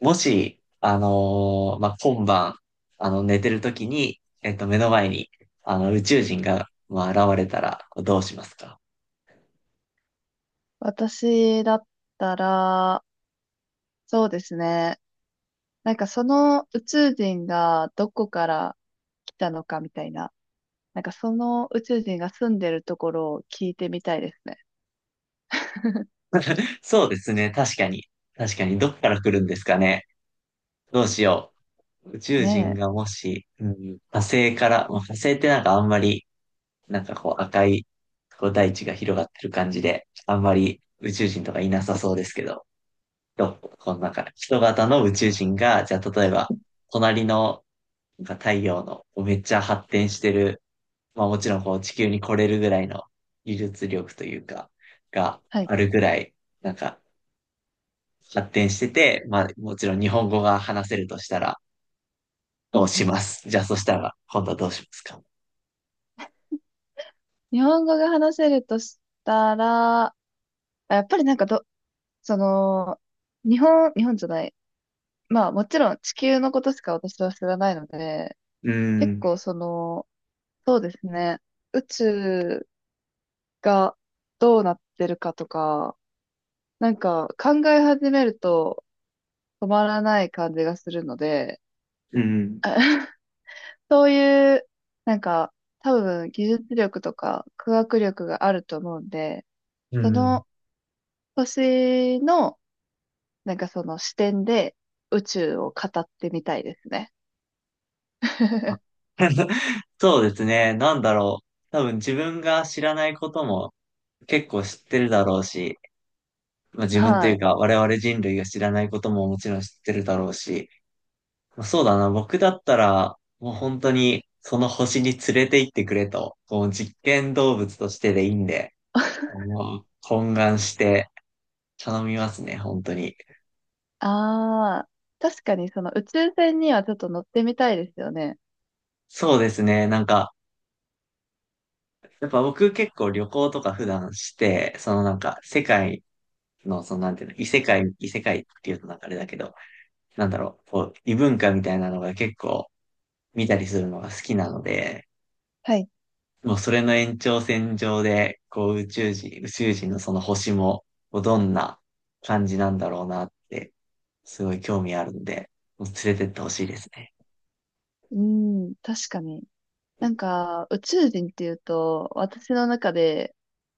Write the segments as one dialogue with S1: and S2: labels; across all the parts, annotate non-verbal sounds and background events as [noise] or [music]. S1: もし、今晩、寝てる時に、目の前に、宇宙人が、まあ、現れたら、どうしますか？
S2: 私だったら、そうですね。なんかその宇宙人がどこから来たのかみたいな。なんかその宇宙人が住んでるところを聞いてみたいですね。[laughs]
S1: そうですね。確かに。確かに。どっから来るんですかね。どうしよう。宇宙人
S2: ね
S1: が
S2: え。
S1: もし、うん、火星から、まあ、火星ってなんかあんまり、なんかこう赤い、こう大地が広がってる感じで、あんまり宇宙人とかいなさそうですけど、どうこのなんか人型の宇宙人が、じゃあ例えば、隣の、なんか太陽のこうめっちゃ発展してる、まあもちろんこう地球に来れるぐらいの技術力というか、が
S2: はい。
S1: あるぐらい、なんか発展してて、まあもちろん日本語が話せるとしたら、
S2: う
S1: を
S2: んう
S1: し
S2: ん。
S1: ます。じゃあそしたら、今度はどうしますか？
S2: 日本語が話せるとしたら、やっぱりなんかど、その、日本、日本じゃない。まあもちろん地球のことしか私は知らないので、
S1: うー
S2: 結
S1: ん、
S2: 構その、そうですね。宇宙がどうなってるかとか、なんか考え始めると止まらない感じがするので、
S1: うん。
S2: [laughs] そういう、なんか多分技術力とか科学力があると思うんで、
S1: う
S2: そ
S1: ん。
S2: の年の、なんかその視点で宇宙を語ってみたいですね。
S1: あ、
S2: [laughs]
S1: [laughs] そうですね。なんだろう。多分自分が知らないことも結構知ってるだろうし、まあ、自分とい
S2: は
S1: う
S2: い。
S1: か我々人類が知らないことももちろん知ってるだろうし、まあ、そうだな。僕だったら、もう本当にその星に連れて行ってくれと、こう実験動物としてでいいんで、もう懇願して頼みますね。本当に。
S2: ああ、確かにその宇宙船にはちょっと乗ってみたいですよね。
S1: そうですね。なんか、やっぱ僕結構旅行とか普段して、そのなんか世界の、そのなんていうの、異世界、異世界っていうとなんかあれだけど、なんだろう、こう、異文化みたいなのが結構見たりするのが好きなので、
S2: はい。
S1: もうそれの延長線上で、こう宇宙人、宇宙人のその星も、こうどんな感じなんだろうなって、すごい興味あるんで、もう連れてってほしいですね。
S2: うん、確かに。なんか、宇宙人っていうと、私の中で、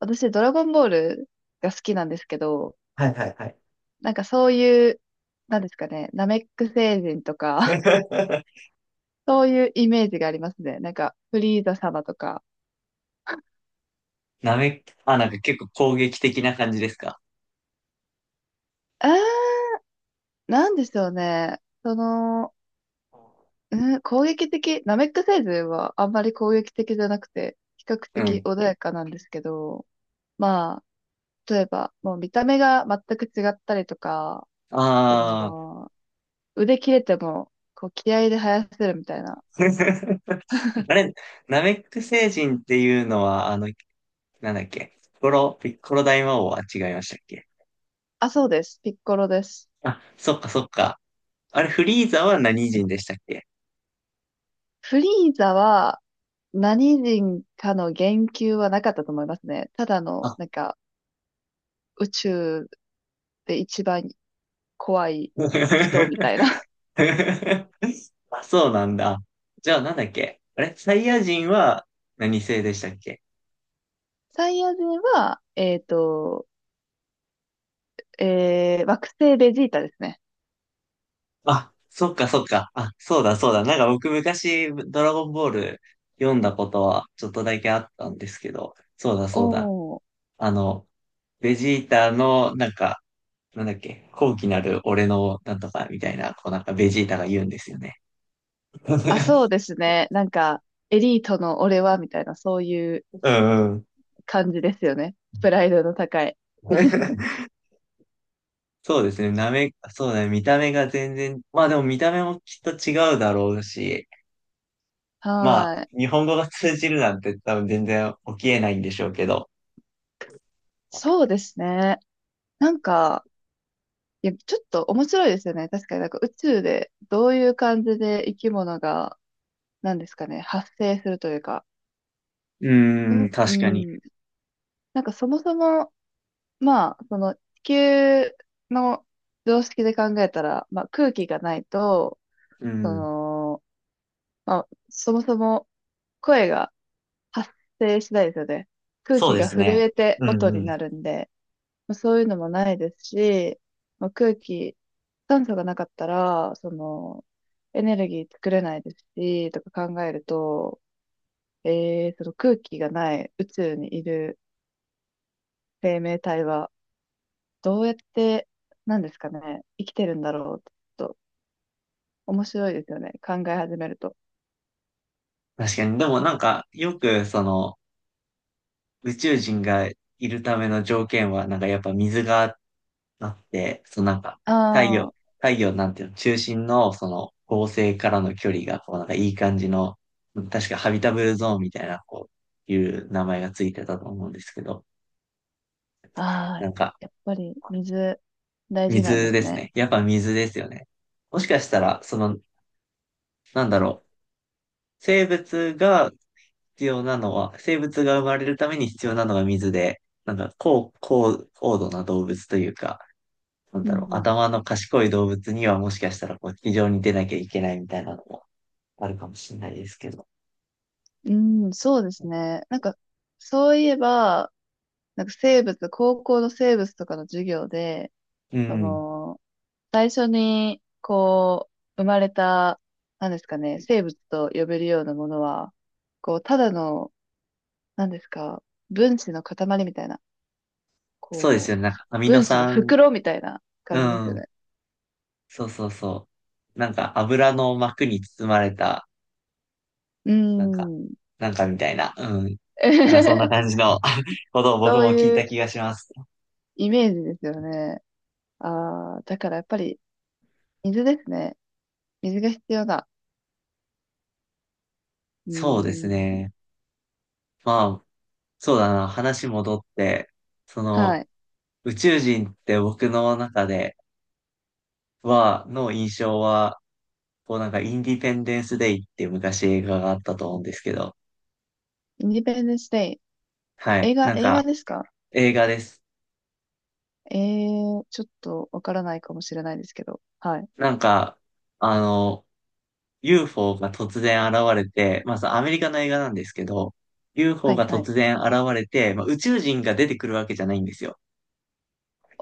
S2: 私、ドラゴンボールが好きなんですけど、
S1: はいはいはい。
S2: なんかそういう、なんですかね、ナメック星人とか、[laughs]
S1: [laughs]
S2: そういうイメージがありますね。なんか、フリーザ様とか。
S1: なめ、あ、なんか結構攻撃的な感じですか？
S2: あー、なんでしょうね。その、うん、攻撃的、ナメック星人はあんまり攻撃的じゃなくて、比較
S1: う
S2: 的
S1: ん。
S2: 穏やかなんですけど、まあ、例えば、もう見た目が全く違ったりとか、そ
S1: ああ。
S2: の腕切れても、こう、気合で生やせるみたいな。
S1: [laughs] あれ、ナメック星人っていうのは、あの、なんだっけ、ピッコロ大魔王は違いましたっけ？
S2: あ、そうです。ピッコロです。
S1: あ、そっかそっか。あれ、フリーザは何人でしたっけ？
S2: フリーザは、何人かの言及はなかったと思いますね。ただの、
S1: あ、
S2: なんか、宇宙で一番怖い人みたいな。
S1: [laughs] あ、そうなんだ。じゃあ、なんだっけあれ、サイヤ人は何星でしたっけ？
S2: [laughs] サイヤ人は、惑星ベジータですね。
S1: あ、そっかそっか。あ、そうだそうだ。なんか僕昔、ドラゴンボール読んだことはちょっとだけあったんですけど、そうだそうだ。
S2: おー。
S1: あの、ベジータの、なんか、なんだっけ、高貴なる俺のなんとかみたいな、こうなんかベジータが言うんですよね。
S2: あ、そ
S1: [laughs]
S2: うですね。なんか、エリートの俺は、みたいな、そういう
S1: うんうん。
S2: 感じですよね。プライドの高い。
S1: [laughs] そうですね、なめ、そうだね、見た目が全然、まあでも見た目もきっと違うだろうし、まあ、
S2: はーい。
S1: 日本語が通じるなんて多分全然起きえないんでしょうけど。
S2: そうですね。なんか、いや、ちょっと面白いですよね。確かになんか宇宙でどういう感じで生き物が、なんですかね、発生するというか。
S1: う
S2: う
S1: ーん、
S2: ん。
S1: 確かに。
S2: うん、なんかそもそも、まあ、その地球の常識で考えたら、まあ空気がないと、
S1: う
S2: そ
S1: ん。
S2: の、まあ、そもそも声が発生しないですよね。空
S1: そう
S2: 気
S1: で
S2: が
S1: す
S2: 震
S1: ね。
S2: えて
S1: うん
S2: 音に
S1: うん。
S2: なるんで、まあそういうのもないですし、まあ、空気、酸素がなかったら、その、エネルギー作れないですし、とか考えると、その空気がない宇宙にいる生命体は、どうやって、なんですかね、生きてるんだろうって、ちょっと面白いですよね、考え始めると。
S1: 確かに。でもなんか、よくその、宇宙人がいるための条件は、なんかやっぱ水があっだって、そのなんか、
S2: あ
S1: 太陽なんていうの、中心のその恒星からの距離が、こうなんかいい感じの、確かハビタブルゾーンみたいな、こう、いう名前がついてたと思うんですけど、
S2: あ、ああ、
S1: なんか、
S2: やっぱり水、大事なんで
S1: 水で
S2: す
S1: す
S2: ね。
S1: ね。やっぱ水ですよね。もしかしたら、その、なんだろう、生物が必要なのは、生物が生まれるために必要なのが水で、なんか高度な動物というか、なん
S2: う
S1: だろう、
S2: ん
S1: 頭の賢い動物にはもしかしたらこう、非常に出なきゃいけないみたいなのもあるかもしれないですけど。
S2: うん。うん、そうですね。なんか、そういえば、なんか生物、高校の生物とかの授業で、
S1: う
S2: そ
S1: ん。
S2: の、最初に、こう、生まれた、なんですかね、生物と呼べるようなものは、こう、ただの、なんですか、分子の塊みたいな、
S1: そうです
S2: こ
S1: よね。なん
S2: う、
S1: かアミノ
S2: 分子の
S1: 酸、
S2: 袋みたいな
S1: う
S2: 感じですよ
S1: ん。
S2: ね。
S1: そうそうそう。なんか油の膜に包まれた、
S2: うー
S1: なんか、
S2: ん。
S1: なんかみたいな。うん。なんかそんな感じ
S2: [laughs]
S1: の [laughs] ことを僕
S2: そう
S1: も聞い
S2: い
S1: た
S2: う
S1: 気がします。
S2: イメージですよね。ああ、だからやっぱり、水ですね。水が必要だ。う
S1: そうです
S2: ーん。
S1: ね。まあ、そうだな。話戻って、そ
S2: は
S1: の、
S2: い。
S1: 宇宙人って僕の中では、の印象は、こうなんかインディペンデンスデイっていう昔映画があったと思うんですけど、
S2: インディペンデンスデイ。
S1: は
S2: 映
S1: い。
S2: 画、
S1: なん
S2: 映画
S1: か、
S2: ですか？
S1: 映画です。
S2: ええ、ちょっとわからないかもしれないですけど。はい。
S1: なんか、あの、UFO が突然現れて、まずアメリカの映画なんですけど、
S2: は
S1: UFO
S2: い、
S1: が
S2: はい。
S1: 突然現れて、まあ、宇宙人が出てくるわけじゃないんですよ。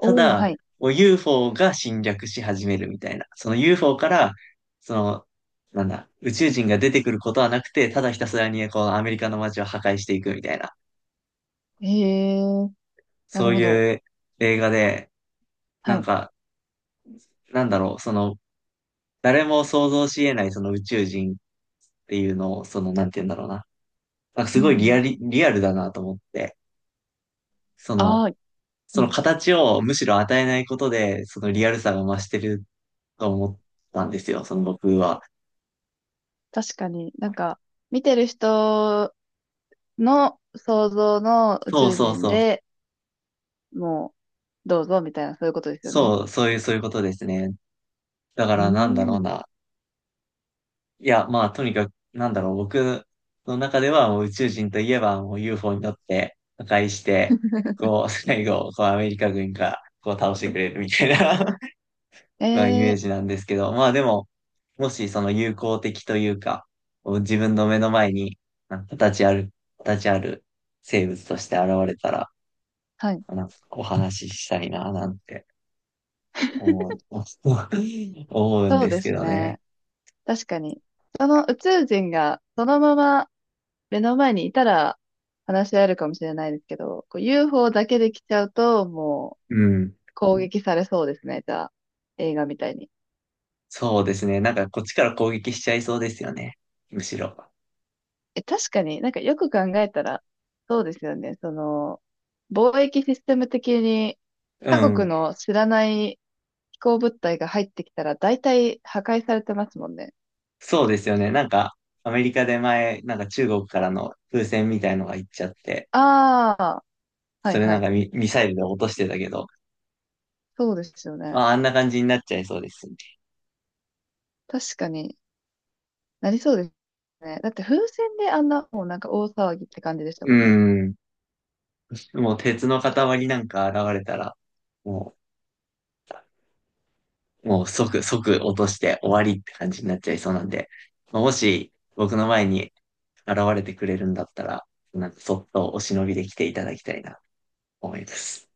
S1: た
S2: ー、
S1: だ、
S2: はい。
S1: もう UFO が侵略し始めるみたいな。その UFO から、その、なんだ、宇宙人が出てくることはなくて、ただひたすらにこのアメリカの街を破壊していくみたいな、
S2: ええ、なる
S1: そう
S2: ほど。
S1: いう映画で、
S2: は
S1: なん
S2: い。
S1: か、なんだろう、その、誰も想像し得ないその宇宙人っていうのを、その、なんて言うんだろうな。なんかす
S2: うん、う
S1: ごい
S2: ん。
S1: リアルだなと思って、その、
S2: ああ、う
S1: その
S2: ん。
S1: 形をむしろ与えないことで、そのリアルさが増してると思ったんですよ、その僕は。
S2: 確かになんか、見てる人の想像の宇
S1: そう
S2: 宙
S1: そう
S2: 人
S1: そう。
S2: でもう、どうぞみたいな、そういうことですよね。
S1: そう、そういうことですね。だか
S2: うー
S1: らなんだろう
S2: ん。
S1: な。いや、まあ、とにかく、なんだろう、僕の中ではもう宇宙人といえばもう UFO に乗って破壊して、こう、最後、こうアメリカ軍がこう倒してくれるみたいな、
S2: え
S1: まあ、イメージ
S2: え、
S1: なんですけど、まあでも、もしその友好的というか、こう自分の目の前に、なんか形ある、形ある生物として現れたら、
S2: はい。
S1: なんかお話ししたいな、なんて思う、[laughs] 思うん
S2: そう
S1: です
S2: で
S1: け
S2: す
S1: どね。
S2: ね。確かに。その宇宙人が、そのまま目の前にいたら話し合えるかもしれないですけど、こう UFO だけで来ちゃうと、もう
S1: うん。
S2: 攻撃されそうですね、じゃあ、映画みたいに。
S1: そうですね。なんかこっちから攻撃しちゃいそうですよね。むしろ。
S2: え、確かになんかよく考えたら、そうですよね、その、貿易システム的に
S1: う
S2: 他国
S1: ん。
S2: の知らない飛行物体が入ってきたら大体破壊されてますもんね。
S1: そうですよね。なんか、アメリカで前、なんか中国からの風船みたいのが行っちゃって、
S2: ああ、は
S1: そ
S2: い
S1: れ
S2: は
S1: なん
S2: い。
S1: かミ、ミサイルで落としてたけど、
S2: そうですよね。
S1: あ、あんな感じになっちゃいそうですね。
S2: 確かになりそうですね。だって風船であんなもうなんか大騒ぎって感じでした
S1: う
S2: もんね。
S1: ん。もう鉄の塊なんか現れたら、もう、即落として終わりって感じになっちゃいそうなんで、まあもし僕の前に現れてくれるんだったら、なんかそっとお忍びで来ていただきたいなと思います。